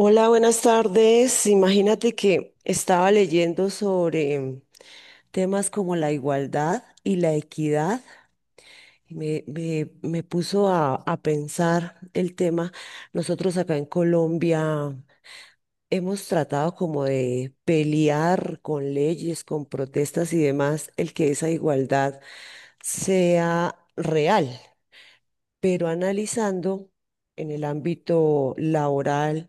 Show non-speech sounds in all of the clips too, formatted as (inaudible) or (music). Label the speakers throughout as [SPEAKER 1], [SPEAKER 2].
[SPEAKER 1] Hola, buenas tardes. Imagínate que estaba leyendo sobre temas como la igualdad y la equidad. Me puso a pensar el tema. Nosotros acá en Colombia hemos tratado como de pelear con leyes, con protestas y demás, el que esa igualdad sea real. Pero analizando en el ámbito laboral,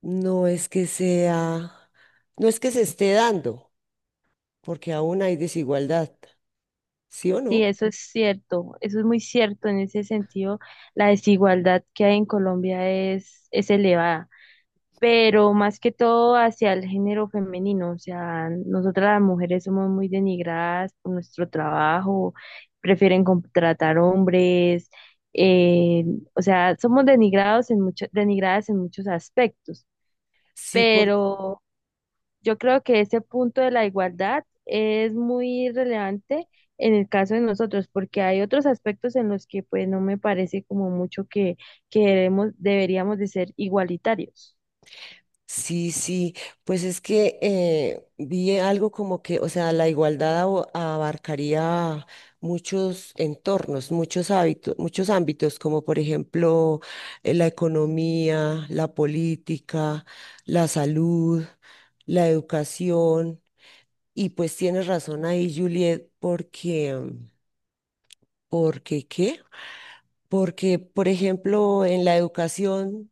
[SPEAKER 1] no es que sea, no es que se esté dando, porque aún hay desigualdad, ¿sí o
[SPEAKER 2] Sí,
[SPEAKER 1] no?
[SPEAKER 2] eso es cierto, eso es muy cierto. En ese sentido, la desigualdad que hay en Colombia es elevada, pero más que todo hacia el género femenino. O sea, nosotras las mujeres somos muy denigradas por nuestro trabajo, prefieren contratar hombres, eh, o sea, somos denigradas en muchos aspectos,
[SPEAKER 1] Sí, por,
[SPEAKER 2] pero... Yo creo que ese punto de la igualdad es muy relevante en el caso de nosotros, porque hay otros aspectos en los que pues no me parece como mucho que deberíamos de ser igualitarios.
[SPEAKER 1] sí, sí, pues es que vi algo como que, o sea, la igualdad abarcaría muchos entornos, muchos hábitos, muchos ámbitos, como por ejemplo la economía, la política, la salud, la educación, y pues tienes razón ahí, Juliet, porque ¿porque qué? Porque, por ejemplo, en la educación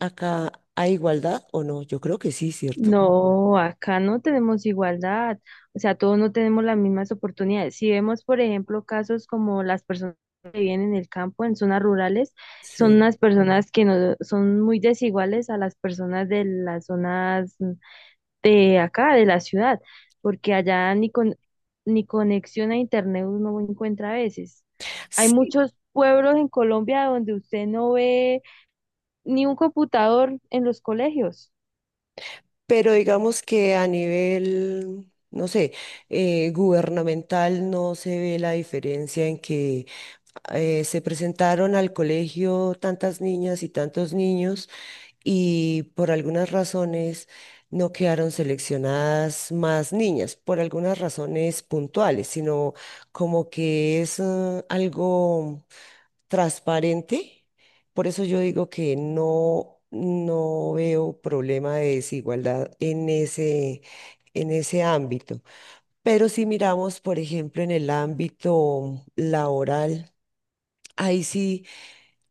[SPEAKER 1] acá hay igualdad o no. Yo creo que sí, ¿cierto?
[SPEAKER 2] No, acá no tenemos igualdad, o sea, todos no tenemos las mismas oportunidades. Si vemos, por ejemplo, casos como las personas que viven en el campo, en zonas rurales, son
[SPEAKER 1] Sí.
[SPEAKER 2] unas personas que no son muy desiguales a las personas de las zonas de acá, de la ciudad, porque allá ni con, ni conexión a internet uno encuentra a veces. Hay
[SPEAKER 1] Sí,
[SPEAKER 2] muchos pueblos en Colombia donde usted no ve ni un computador en los colegios.
[SPEAKER 1] pero digamos que a nivel, no sé, gubernamental no se ve la diferencia en que se presentaron al colegio tantas niñas y tantos niños y por algunas razones no quedaron seleccionadas más niñas, por algunas razones puntuales, sino como que es algo transparente. Por eso yo digo que no, no veo problema de desigualdad en ese ámbito. Pero si miramos, por ejemplo, en el ámbito laboral, ahí sí,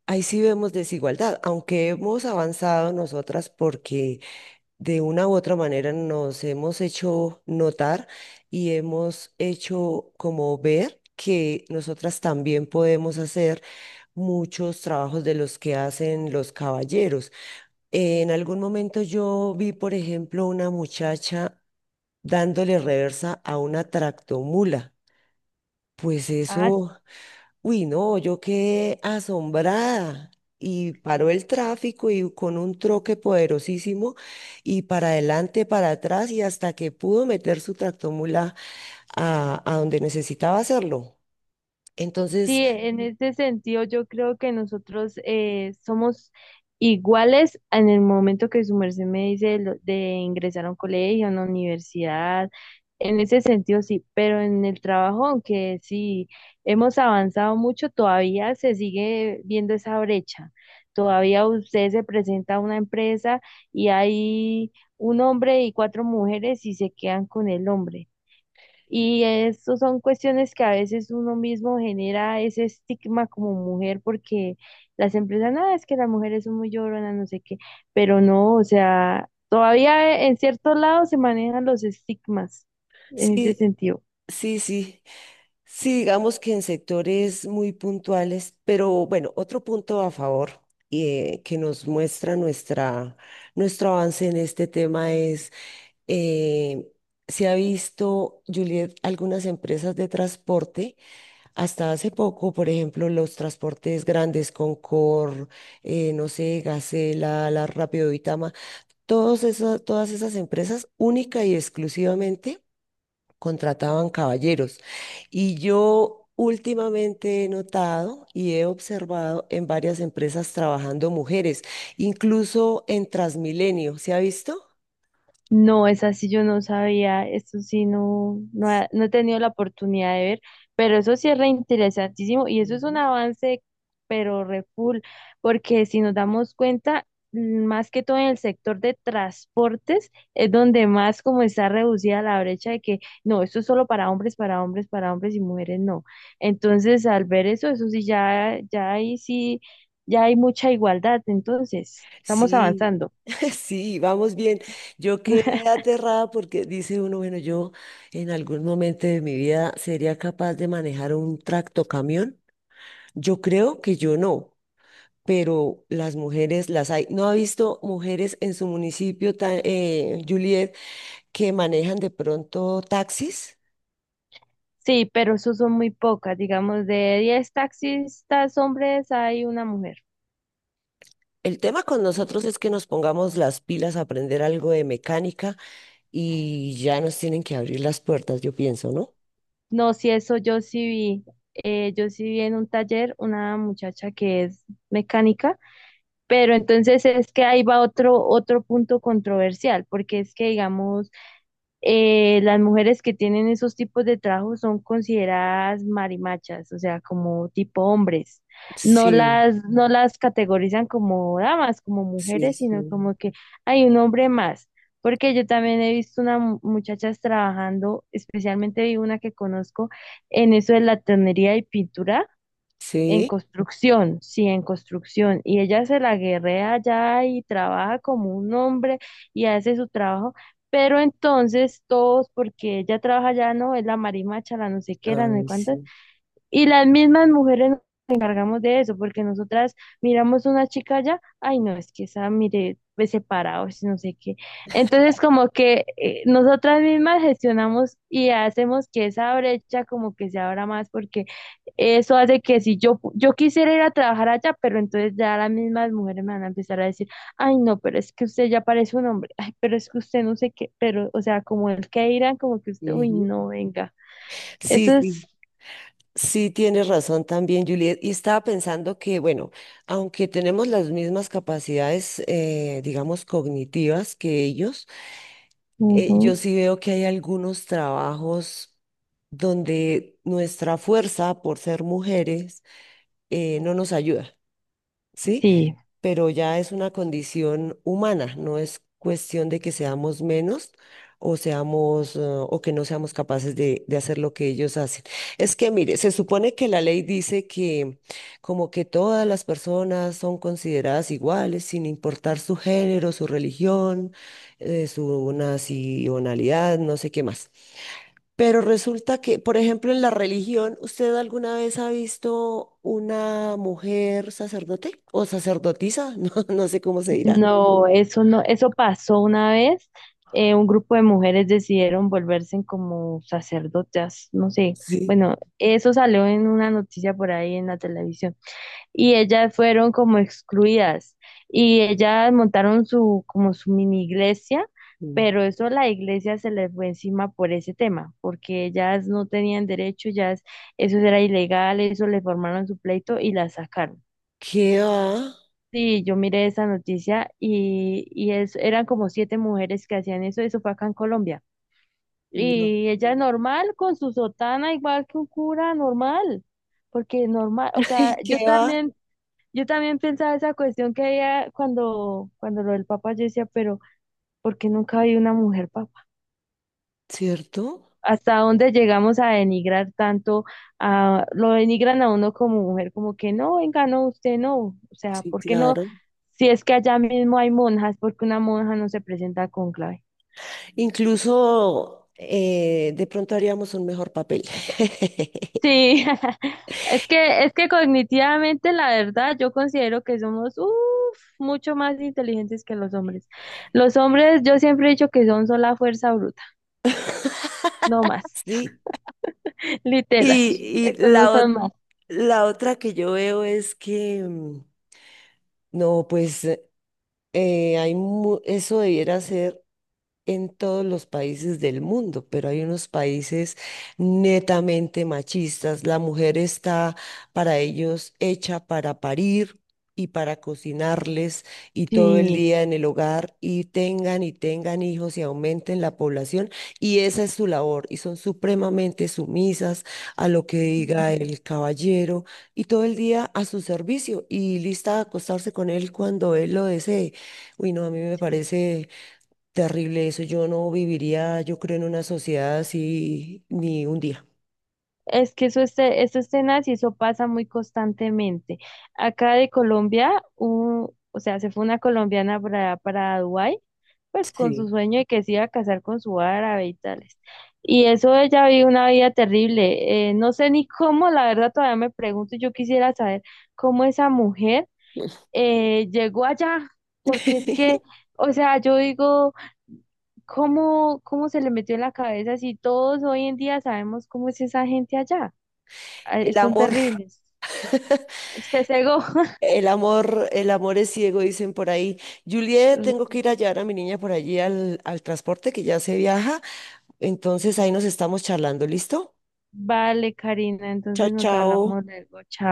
[SPEAKER 1] ahí sí vemos desigualdad, aunque hemos avanzado nosotras porque de una u otra manera nos hemos hecho notar y hemos hecho como ver que nosotras también podemos hacer muchos trabajos de los que hacen los caballeros. En algún momento yo vi, por ejemplo, una muchacha dándole reversa a una tractomula. Pues
[SPEAKER 2] Ah,
[SPEAKER 1] eso... Uy, no, yo quedé asombrada. Y paró el tráfico y con un troque poderosísimo y para adelante, para atrás y hasta que pudo meter su tractomula a donde necesitaba hacerlo. Entonces,
[SPEAKER 2] sí, en este sentido yo creo que nosotros somos iguales en el momento que su merced me dice de ingresar a un colegio, a una universidad, en ese sentido sí, pero en el trabajo, aunque sí hemos avanzado mucho, todavía se sigue viendo esa brecha. Todavía usted se presenta a una empresa y hay un hombre y 4 mujeres y se quedan con el hombre. Y eso son cuestiones que a veces uno mismo genera ese estigma como mujer porque las empresas, nada, es que las mujeres son muy lloronas, no sé qué, pero no, o sea, todavía en ciertos lados se manejan los estigmas en ese
[SPEAKER 1] sí,
[SPEAKER 2] sentido.
[SPEAKER 1] sí, sí, sí, digamos que en sectores muy puntuales, pero bueno, otro punto a favor que nos muestra nuestro avance en este tema eh, se ha visto, Juliet, algunas empresas de transporte, hasta hace poco, por ejemplo, los transportes grandes, Concor, no sé, Gacela, La Rápido Vitama, todas esas empresas única y exclusivamente contrataban caballeros. Y yo... Últimamente he notado y he observado en varias empresas trabajando mujeres, incluso en Transmilenio, ¿se ha visto?
[SPEAKER 2] No, es así, yo no sabía, esto sí, no he tenido la oportunidad de ver, pero eso sí es reinteresantísimo y eso es un
[SPEAKER 1] Ujú.
[SPEAKER 2] avance, pero re full, porque si nos damos cuenta, más que todo en el sector de transportes, es donde más como está reducida la brecha de que no, esto es solo para hombres, para hombres, para hombres y mujeres no. Entonces, al ver eso, eso sí, ya, ya ahí sí, ya hay mucha igualdad, entonces, estamos
[SPEAKER 1] Sí,
[SPEAKER 2] avanzando.
[SPEAKER 1] (laughs) sí, vamos bien. Yo
[SPEAKER 2] (laughs)
[SPEAKER 1] quedé aterrada porque dice uno, bueno, yo en algún momento de mi vida sería capaz de manejar un tractocamión. Yo creo que yo no, pero las mujeres las hay. ¿No ha visto mujeres en su municipio, Juliet, que manejan de pronto taxis?
[SPEAKER 2] Sí, pero eso son muy pocas. Digamos, de 10 taxistas hombres hay una mujer.
[SPEAKER 1] El tema con nosotros es que nos pongamos las pilas a aprender algo de mecánica y ya nos tienen que abrir las puertas, yo pienso, ¿no?
[SPEAKER 2] No, si eso yo sí vi. Yo sí vi en un taller una muchacha que es mecánica, pero entonces es que ahí va otro punto controversial, porque es que, digamos, las mujeres que tienen esos tipos de trabajos son consideradas marimachas, o sea, como tipo hombres.
[SPEAKER 1] Sí,
[SPEAKER 2] No las categorizan como damas, como
[SPEAKER 1] sí,
[SPEAKER 2] mujeres, sino
[SPEAKER 1] sí.
[SPEAKER 2] como que hay un hombre más. Porque yo también he visto unas muchachas trabajando, especialmente vi una que conozco en eso de la tonería y pintura, en
[SPEAKER 1] Sí,
[SPEAKER 2] construcción, sí, en construcción. Y ella se la guerrea allá y trabaja como un hombre y hace su trabajo. Pero entonces todos, porque ella trabaja allá, no, es la marimacha, la no sé qué, la no sé
[SPEAKER 1] ay,
[SPEAKER 2] cuánto,
[SPEAKER 1] sí.
[SPEAKER 2] y las mismas mujeres nos encargamos de eso, porque nosotras miramos una chica allá ay no, es que esa mire, ve separado, es no sé qué. Entonces como que nosotras mismas gestionamos y hacemos que esa brecha como que se abra más, porque eso hace que si yo quisiera ir a trabajar allá, pero entonces ya las mismas mujeres me van a empezar a decir, ay no, pero es que usted ya parece un hombre, ay, pero es que usted no sé qué, pero, o sea, como el que irán, como que usted, uy
[SPEAKER 1] Ujú.
[SPEAKER 2] no, venga.
[SPEAKER 1] Sí,
[SPEAKER 2] Eso
[SPEAKER 1] sí,
[SPEAKER 2] es,
[SPEAKER 1] sí, tienes razón también, Juliet. Y estaba pensando que, bueno, aunque tenemos las mismas capacidades, digamos, cognitivas que ellos, yo
[SPEAKER 2] ujú,
[SPEAKER 1] sí veo que hay algunos trabajos donde nuestra fuerza por ser mujeres no nos ayuda, ¿sí?
[SPEAKER 2] sí.
[SPEAKER 1] Pero ya es una condición humana, no es cuestión de que seamos menos o seamos o que no seamos capaces de hacer lo que ellos hacen. Es que, mire, se supone que la ley dice que como que todas las personas son consideradas iguales, sin importar su género, su religión, su nacionalidad, no sé qué más. Pero resulta que, por ejemplo, en la religión, ¿usted alguna vez ha visto una mujer sacerdote o sacerdotisa? (laughs) No, no sé cómo se dirá.
[SPEAKER 2] No, eso no, eso pasó una vez. Un grupo de mujeres decidieron volverse en como sacerdotas, no sé.
[SPEAKER 1] Sí.
[SPEAKER 2] Bueno, eso salió en una noticia por ahí en la televisión. Y ellas fueron como excluidas. Y ellas montaron como su mini iglesia,
[SPEAKER 1] Mm.
[SPEAKER 2] pero eso la iglesia se les fue encima por ese tema, porque ellas no tenían derecho, ellas, eso era ilegal, eso le formaron su pleito y las sacaron.
[SPEAKER 1] ¿Qué va?
[SPEAKER 2] Sí, yo miré esa noticia y es, eran como 7 mujeres que hacían eso, eso fue acá en Colombia.
[SPEAKER 1] No,
[SPEAKER 2] Y ella normal, con su sotana, igual que un cura normal, porque normal, o
[SPEAKER 1] (laughs)
[SPEAKER 2] sea,
[SPEAKER 1] ay, ¿qué va?
[SPEAKER 2] yo también pensaba esa cuestión que había cuando lo del Papa, yo decía, pero ¿por qué nunca hay una mujer
[SPEAKER 1] ¿Cierto?
[SPEAKER 2] hasta dónde llegamos a denigrar tanto, a, lo denigran a uno como mujer, como que no, venga, no, usted no, o sea,
[SPEAKER 1] Sí,
[SPEAKER 2] ¿por qué no?
[SPEAKER 1] claro.
[SPEAKER 2] Si es que allá mismo hay monjas, ¿porque una monja no se presenta con clave?
[SPEAKER 1] Incluso de pronto haríamos un mejor papel. (laughs)
[SPEAKER 2] Sí, (laughs) es que cognitivamente, la verdad, yo considero que somos uf, mucho más inteligentes que los hombres. Los hombres, yo siempre he dicho que son sola fuerza bruta, no más,
[SPEAKER 1] Sí.
[SPEAKER 2] (laughs) literal,
[SPEAKER 1] Y, y
[SPEAKER 2] estos no
[SPEAKER 1] la,
[SPEAKER 2] son
[SPEAKER 1] ot-
[SPEAKER 2] más.
[SPEAKER 1] la otra que yo veo es que, no, pues eso debiera ser en todos los países del mundo, pero hay unos países netamente machistas. La mujer está para ellos hecha para parir y para cocinarles y todo el
[SPEAKER 2] Sí.
[SPEAKER 1] día en el hogar y tengan hijos y aumenten la población y esa es su labor y son supremamente sumisas a lo que diga
[SPEAKER 2] Mm,
[SPEAKER 1] el caballero y todo el día a su servicio y lista a acostarse con él cuando él lo desee. Uy, no, a mí me
[SPEAKER 2] sí.
[SPEAKER 1] parece terrible eso, yo no viviría, yo creo, en una sociedad así ni un día.
[SPEAKER 2] Es que eso, este, eso es tenaz y eso pasa muy constantemente. Acá de Colombia, o sea, se fue una colombiana para Dubái, pues con su
[SPEAKER 1] Sí.
[SPEAKER 2] sueño de que se iba a casar con su árabe y tales. Y eso ella vivió una vida terrible. No sé ni cómo, la verdad todavía me pregunto, yo quisiera saber cómo esa mujer llegó allá, porque es que,
[SPEAKER 1] (laughs)
[SPEAKER 2] o sea, yo digo... cómo se le metió en la cabeza si todos hoy en día sabemos cómo es esa gente allá? Ay,
[SPEAKER 1] El
[SPEAKER 2] son
[SPEAKER 1] amor,
[SPEAKER 2] terribles. Este cegó.
[SPEAKER 1] el amor es ciego, dicen por ahí. Juliet, tengo que ir a
[SPEAKER 2] (laughs)
[SPEAKER 1] llevar a mi niña por allí al, al transporte que ya se viaja. Entonces ahí nos estamos charlando, ¿listo?
[SPEAKER 2] Vale, Karina,
[SPEAKER 1] Chao,
[SPEAKER 2] entonces nos
[SPEAKER 1] chao.
[SPEAKER 2] hablamos luego. Chao.